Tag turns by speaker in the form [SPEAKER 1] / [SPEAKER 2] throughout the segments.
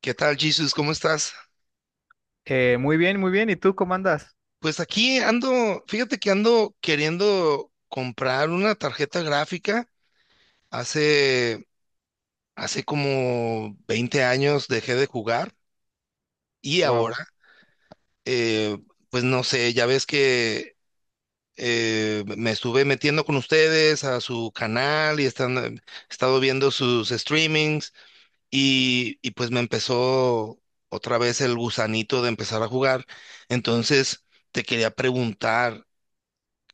[SPEAKER 1] ¿Qué tal, Jesus? ¿Cómo estás?
[SPEAKER 2] Muy bien, muy bien. ¿Y tú cómo andas?
[SPEAKER 1] Pues aquí ando, fíjate que ando queriendo comprar una tarjeta gráfica. Hace, hace como 20 años dejé de jugar y
[SPEAKER 2] Wow.
[SPEAKER 1] eh, pues no sé, ya ves que me estuve metiendo con ustedes a su canal y he estado viendo sus streamings y pues me empezó otra vez el gusanito de empezar a jugar. Entonces, te quería preguntar.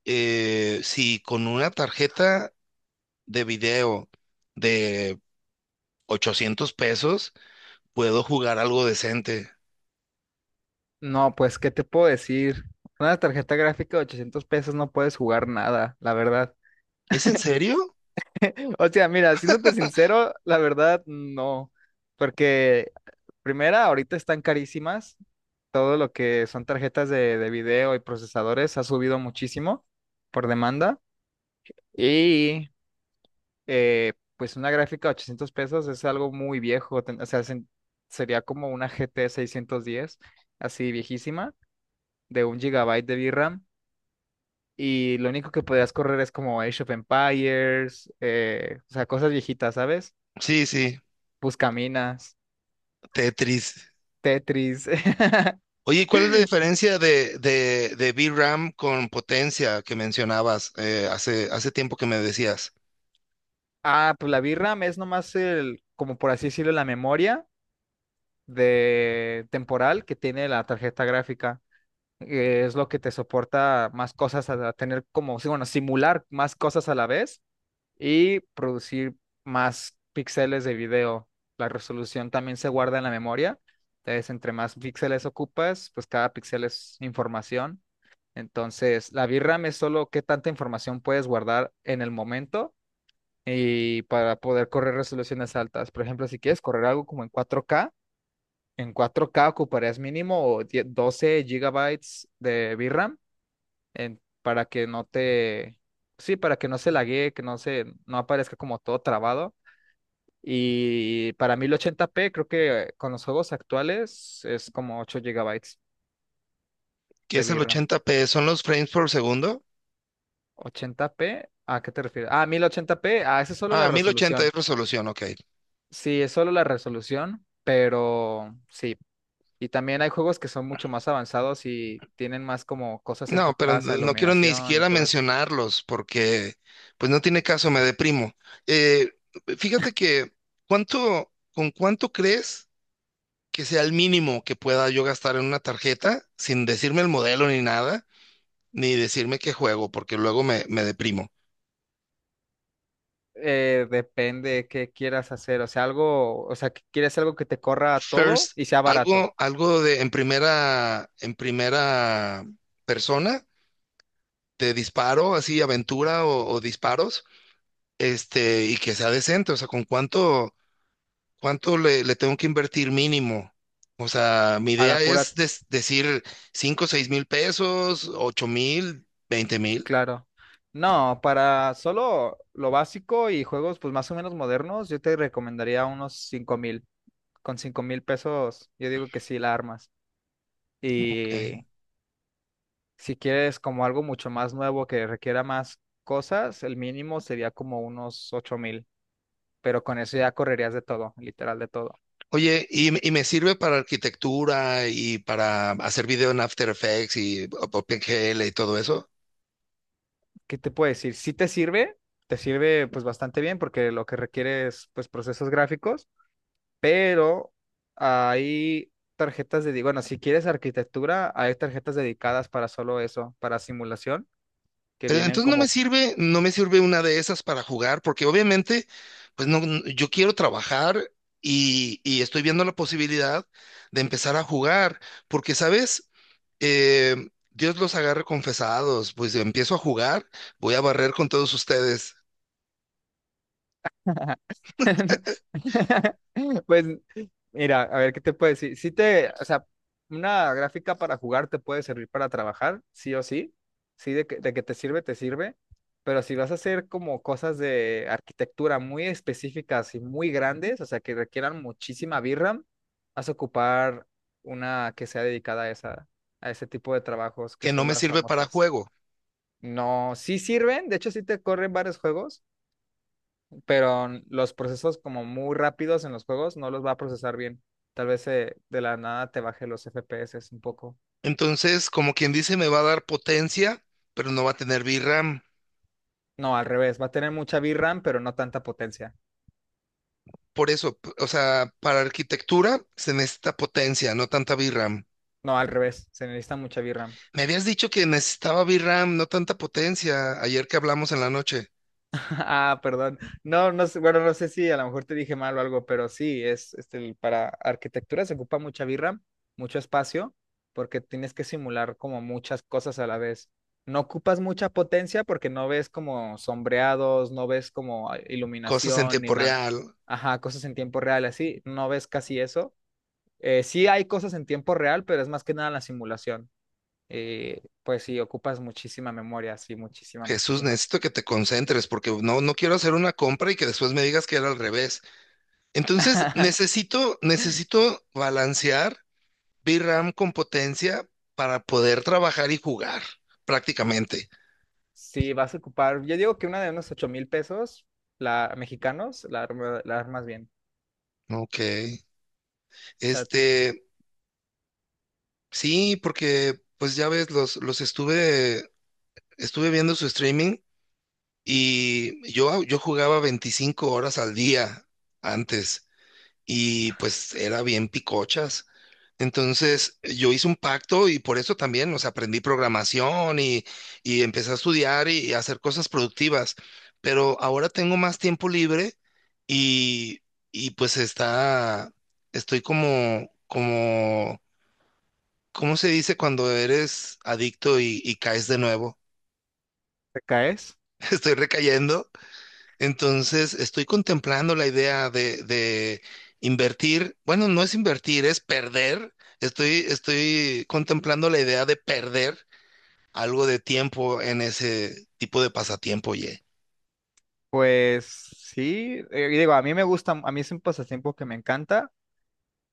[SPEAKER 1] Si con una tarjeta de video de $800 puedo jugar algo decente.
[SPEAKER 2] No, pues, ¿qué te puedo decir? Una tarjeta gráfica de 800 pesos no puedes jugar nada, la verdad.
[SPEAKER 1] ¿Es en serio?
[SPEAKER 2] O sea, mira, siéndote sincero, la verdad, no. Porque, primera, ahorita están carísimas. Todo lo que son tarjetas de video y procesadores ha subido muchísimo por demanda. Y, pues, una gráfica de 800 pesos es algo muy viejo. O sea, sería como una G T 610, así viejísima. De un gigabyte de VRAM, y lo único que podías correr es como Age of Empires, o sea, cosas viejitas, ¿sabes?
[SPEAKER 1] Sí, sí,
[SPEAKER 2] Buscaminas,
[SPEAKER 1] Tetris.
[SPEAKER 2] Tetris.
[SPEAKER 1] Oye, ¿y ¿cuál es la diferencia de, de VRAM con potencia que mencionabas hace tiempo que me decías?
[SPEAKER 2] Ah, pues la VRAM es nomás el, como por así decirlo, la memoria de temporal que tiene la tarjeta gráfica. Es lo que te soporta más cosas a tener como, sí, bueno, simular más cosas a la vez y producir más píxeles de video. La resolución también se guarda en la memoria. Entonces, entre más píxeles ocupas, pues cada píxel es información. Entonces, la VRAM es solo qué tanta información puedes guardar en el momento y para poder correr resoluciones altas. Por ejemplo, si quieres correr algo como en 4K, en 4K ocuparías mínimo 12 gigabytes de VRAM para que no te, sí, para que no se laguee, que no se, no aparezca como todo trabado. Y para 1080p, creo que con los juegos actuales es como 8 gigabytes
[SPEAKER 1] ¿Qué
[SPEAKER 2] de
[SPEAKER 1] es el
[SPEAKER 2] VRAM.
[SPEAKER 1] 80p? ¿Son los frames por segundo?
[SPEAKER 2] 80p, ¿a qué te refieres? Ah, 1080p, ah, esa es solo la
[SPEAKER 1] Ah, 1080 es
[SPEAKER 2] resolución.
[SPEAKER 1] resolución, ok.
[SPEAKER 2] Sí, es solo la resolución, pero sí. Y también hay juegos que son mucho más avanzados y tienen más como cosas
[SPEAKER 1] No, pero
[SPEAKER 2] enfocadas a
[SPEAKER 1] no quiero ni
[SPEAKER 2] iluminación y
[SPEAKER 1] siquiera
[SPEAKER 2] todo eso.
[SPEAKER 1] mencionarlos porque pues no tiene caso, me deprimo. Eh, Fíjate que ¿con cuánto crees que sea el mínimo que pueda yo gastar en una tarjeta sin decirme el modelo ni nada, ni decirme qué juego, porque me deprimo?
[SPEAKER 2] Depende qué quieras hacer, o sea, algo, o sea, que quieres algo que te corra todo
[SPEAKER 1] First,
[SPEAKER 2] y sea barato,
[SPEAKER 1] algo de en primera persona, de disparo, así aventura o disparos, este, y que sea decente, o sea, con cuánto. ¿Cuánto le tengo que invertir mínimo? O sea, mi
[SPEAKER 2] a
[SPEAKER 1] idea
[SPEAKER 2] la pura,
[SPEAKER 1] es decir 5, 6000 pesos, 8000, 20 000.
[SPEAKER 2] claro. No, para solo lo básico y juegos pues más o menos modernos, yo te recomendaría unos cinco mil. Con cinco mil pesos, yo digo que sí la armas.
[SPEAKER 1] Ok.
[SPEAKER 2] Y si quieres como algo mucho más nuevo que requiera más cosas, el mínimo sería como unos ocho mil, pero con eso ya correrías de todo, literal de todo.
[SPEAKER 1] Oye, y me sirve para arquitectura y para hacer video en After Effects y OpenGL y todo eso.
[SPEAKER 2] ¿Qué te puedo decir? Sí te sirve pues bastante bien porque lo que requiere es pues procesos gráficos, pero hay tarjetas de, bueno, si quieres arquitectura, hay tarjetas dedicadas para solo eso, para simulación, que vienen
[SPEAKER 1] Entonces no me
[SPEAKER 2] como
[SPEAKER 1] sirve, no me sirve una de esas para jugar, porque obviamente, pues no, yo quiero trabajar y estoy viendo la posibilidad de empezar a jugar, porque, ¿sabes? Eh, Dios los agarre confesados, pues empiezo a jugar, voy a barrer con todos ustedes,
[SPEAKER 2] pues mira, a ver qué te puedo decir. Si te, o sea, una gráfica para jugar te puede servir para trabajar, sí o sí. Sí, de que te sirve, te sirve. Pero si vas a hacer como cosas de arquitectura muy específicas y muy grandes, o sea, que requieran muchísima VRAM, vas a ocupar una que sea dedicada a esa, a ese tipo de trabajos que
[SPEAKER 1] que no
[SPEAKER 2] son
[SPEAKER 1] me
[SPEAKER 2] las
[SPEAKER 1] sirve para
[SPEAKER 2] famosas.
[SPEAKER 1] juego.
[SPEAKER 2] No, sí sirven, de hecho sí te corren varios juegos, pero los procesos como muy rápidos en los juegos no los va a procesar bien. Tal vez de la nada te baje los FPS un poco.
[SPEAKER 1] Entonces, como quien dice, me va a dar potencia, pero no va a tener VRAM.
[SPEAKER 2] No, al revés, va a tener mucha VRAM, pero no tanta potencia.
[SPEAKER 1] Por eso, o sea, para arquitectura se necesita potencia, no tanta VRAM.
[SPEAKER 2] No, al revés, se necesita mucha VRAM.
[SPEAKER 1] Me habías dicho que necesitaba VRAM, no tanta potencia, ayer que hablamos en la noche.
[SPEAKER 2] Ah, perdón. No, no sé, bueno, no sé si a lo mejor te dije mal o algo, pero sí, es este, para arquitectura se ocupa mucha birra, mucho espacio, porque tienes que simular como muchas cosas a la vez. No ocupas mucha potencia porque no ves como sombreados, no ves como
[SPEAKER 1] Cosas en
[SPEAKER 2] iluminación ni
[SPEAKER 1] tiempo
[SPEAKER 2] nada.
[SPEAKER 1] real.
[SPEAKER 2] Ajá, cosas en tiempo real, así, no ves casi eso. Sí hay cosas en tiempo real, pero es más que nada la simulación. Pues sí, ocupas muchísima memoria, sí, muchísima,
[SPEAKER 1] Jesús,
[SPEAKER 2] muchísima.
[SPEAKER 1] necesito que te concentres porque no, no quiero hacer una compra y que después me digas que era al revés. Entonces, necesito balancear VRAM con potencia para poder trabajar y jugar, prácticamente.
[SPEAKER 2] Si vas a ocupar, yo digo que una de unos 8 mil pesos, la mexicanos, la, la armas bien.
[SPEAKER 1] ¿No? Ok.
[SPEAKER 2] O sea,
[SPEAKER 1] Este, sí, porque pues ya ves, estuve viendo su streaming y yo jugaba 25 horas al día antes. Y pues era bien picochas. Entonces yo hice un pacto y por eso también, o sea, aprendí programación y empecé a estudiar y a hacer cosas productivas. Pero ahora tengo más tiempo libre y, y pues estoy como, ¿cómo se dice cuando eres adicto y caes de nuevo?
[SPEAKER 2] te caes.
[SPEAKER 1] Estoy recayendo. Entonces, estoy contemplando la idea de invertir. Bueno, no es invertir, es perder. Estoy contemplando la idea de perder algo de tiempo en ese tipo de pasatiempo, oye.
[SPEAKER 2] Pues sí, y digo, a mí me gusta, a mí es un pasatiempo que me encanta,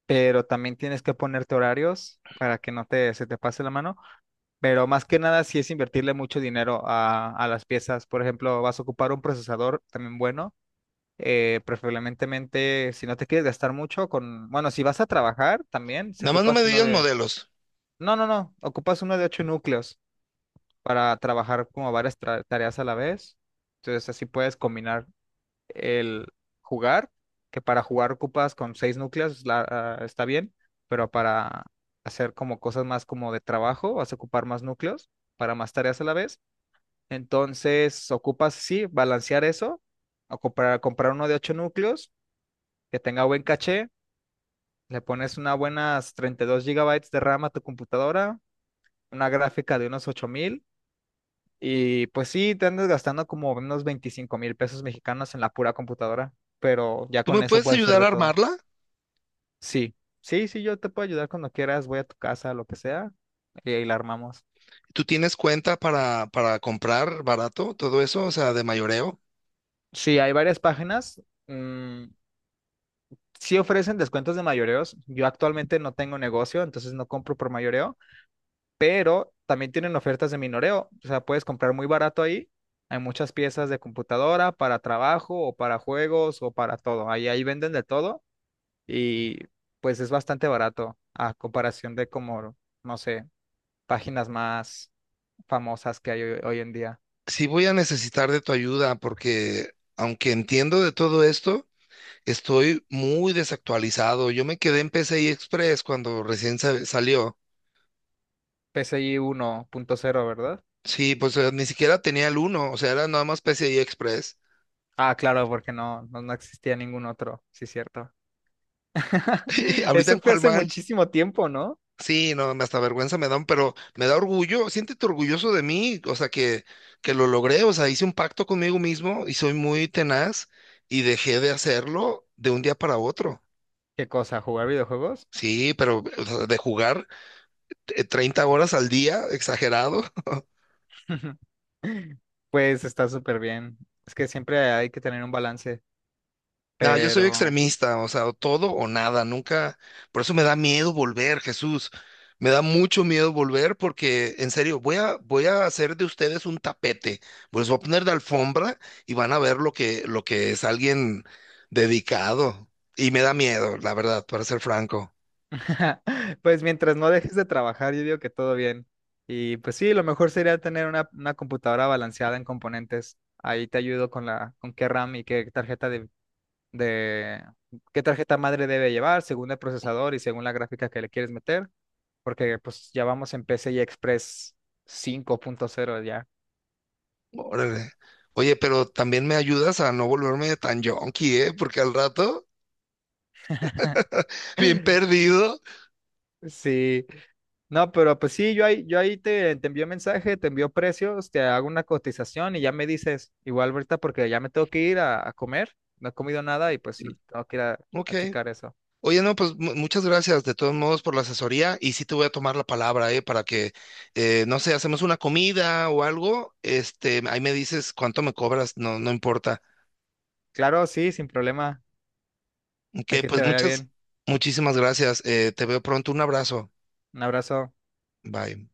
[SPEAKER 2] pero también tienes que ponerte horarios para que no te, se te pase la mano. Pero más que nada, sí es invertirle mucho dinero a las piezas. Por ejemplo, vas a ocupar un procesador también bueno. Preferiblemente, si no te quieres gastar mucho, con, bueno, si vas a trabajar también, si
[SPEAKER 1] Nada más no me
[SPEAKER 2] ocupas uno
[SPEAKER 1] digas
[SPEAKER 2] de
[SPEAKER 1] modelos.
[SPEAKER 2] no, no, no. Ocupas uno de ocho núcleos para trabajar como varias tareas a la vez. Entonces así puedes combinar el jugar, que para jugar ocupas con seis núcleos, ah, está bien, pero para hacer como cosas más como de trabajo, vas a ocupar más núcleos para más tareas a la vez. Entonces ocupas, sí, balancear eso, o comprar uno de ocho núcleos que tenga buen caché, le pones una buenas 32 gigabytes de RAM a tu computadora, una gráfica de unos 8000. Y pues sí, te andas gastando como unos 25 mil pesos mexicanos en la pura computadora, pero ya
[SPEAKER 1] ¿Tú
[SPEAKER 2] con
[SPEAKER 1] me
[SPEAKER 2] eso
[SPEAKER 1] puedes
[SPEAKER 2] puedes hacer
[SPEAKER 1] ayudar
[SPEAKER 2] de
[SPEAKER 1] a
[SPEAKER 2] todo.
[SPEAKER 1] armarla?
[SPEAKER 2] Sí, sí, sí, yo te puedo ayudar cuando quieras, voy a tu casa, lo que sea, y ahí la armamos.
[SPEAKER 1] ¿Tú tienes cuenta para comprar barato todo eso? O sea, de mayoreo.
[SPEAKER 2] Sí, hay varias páginas. mm, sí ofrecen descuentos de mayoreos. Yo actualmente no tengo negocio, entonces no compro por mayoreo, pero también tienen ofertas de minoreo. O sea, puedes comprar muy barato ahí. Hay muchas piezas de computadora para trabajo o para juegos o para todo. Ahí venden de todo y pues es bastante barato a comparación de como, no sé, páginas más famosas que hay hoy en día.
[SPEAKER 1] Sí voy a necesitar de tu ayuda porque aunque entiendo de todo esto, estoy muy desactualizado. Yo me quedé en PCI Express cuando recién salió.
[SPEAKER 2] P C I uno punto cero, ¿verdad?
[SPEAKER 1] Sí, pues ni siquiera tenía el uno. O sea, era nada más PCI Express.
[SPEAKER 2] Ah, claro, porque no existía ningún otro, sí, cierto.
[SPEAKER 1] ¿Ahorita
[SPEAKER 2] Eso
[SPEAKER 1] en
[SPEAKER 2] fue
[SPEAKER 1] cuál
[SPEAKER 2] hace
[SPEAKER 1] van?
[SPEAKER 2] muchísimo tiempo, ¿no?
[SPEAKER 1] Sí, no, me hasta vergüenza me dan, pero me da orgullo. Siéntete orgulloso de mí, o sea, que lo logré, o sea, hice un pacto conmigo mismo y soy muy tenaz y dejé de hacerlo de un día para otro.
[SPEAKER 2] ¿Qué cosa? ¿Jugar videojuegos?
[SPEAKER 1] Sí, pero o sea, de jugar 30 horas al día, exagerado.
[SPEAKER 2] Pues está súper bien. Es que siempre hay que tener un balance,
[SPEAKER 1] No, yo soy
[SPEAKER 2] pero
[SPEAKER 1] extremista, o sea, o todo o nada, nunca, por eso me da miedo volver, Jesús, me da mucho miedo volver porque, en serio, voy a hacer de ustedes un tapete, pues voy a poner de alfombra y van a ver lo que es alguien dedicado, y me da miedo, la verdad, para ser franco,
[SPEAKER 2] pues mientras no dejes de trabajar, yo digo que todo bien. Y pues sí, lo mejor sería tener una computadora balanceada en componentes. Ahí te ayudo con la, con qué RAM y qué tarjeta de- qué tarjeta madre debe llevar, según el procesador y según la gráfica que le quieres meter, porque pues ya vamos en PCI Express cinco punto cero ya.
[SPEAKER 1] órale. Oye, pero también me ayudas a no volverme tan yonki, ¿eh? Porque al rato, bien perdido.
[SPEAKER 2] Sí, no, pero pues sí, yo ahí te, te envío mensaje, te envío precios, te hago una cotización y ya me dices, igual ahorita porque ya me tengo que ir a comer, no he comido nada y pues sí, tengo que ir
[SPEAKER 1] Ok.
[SPEAKER 2] a checar eso.
[SPEAKER 1] Oye, no, pues muchas gracias de todos modos por la asesoría y sí te voy a tomar la palabra, para que, no sé, hacemos una comida o algo, este, ahí me dices cuánto me cobras, no, no importa.
[SPEAKER 2] Claro, sí, sin problema.
[SPEAKER 1] Ok,
[SPEAKER 2] Aquí te vaya bien.
[SPEAKER 1] muchísimas gracias, te veo pronto, un abrazo,
[SPEAKER 2] Un abrazo.
[SPEAKER 1] bye.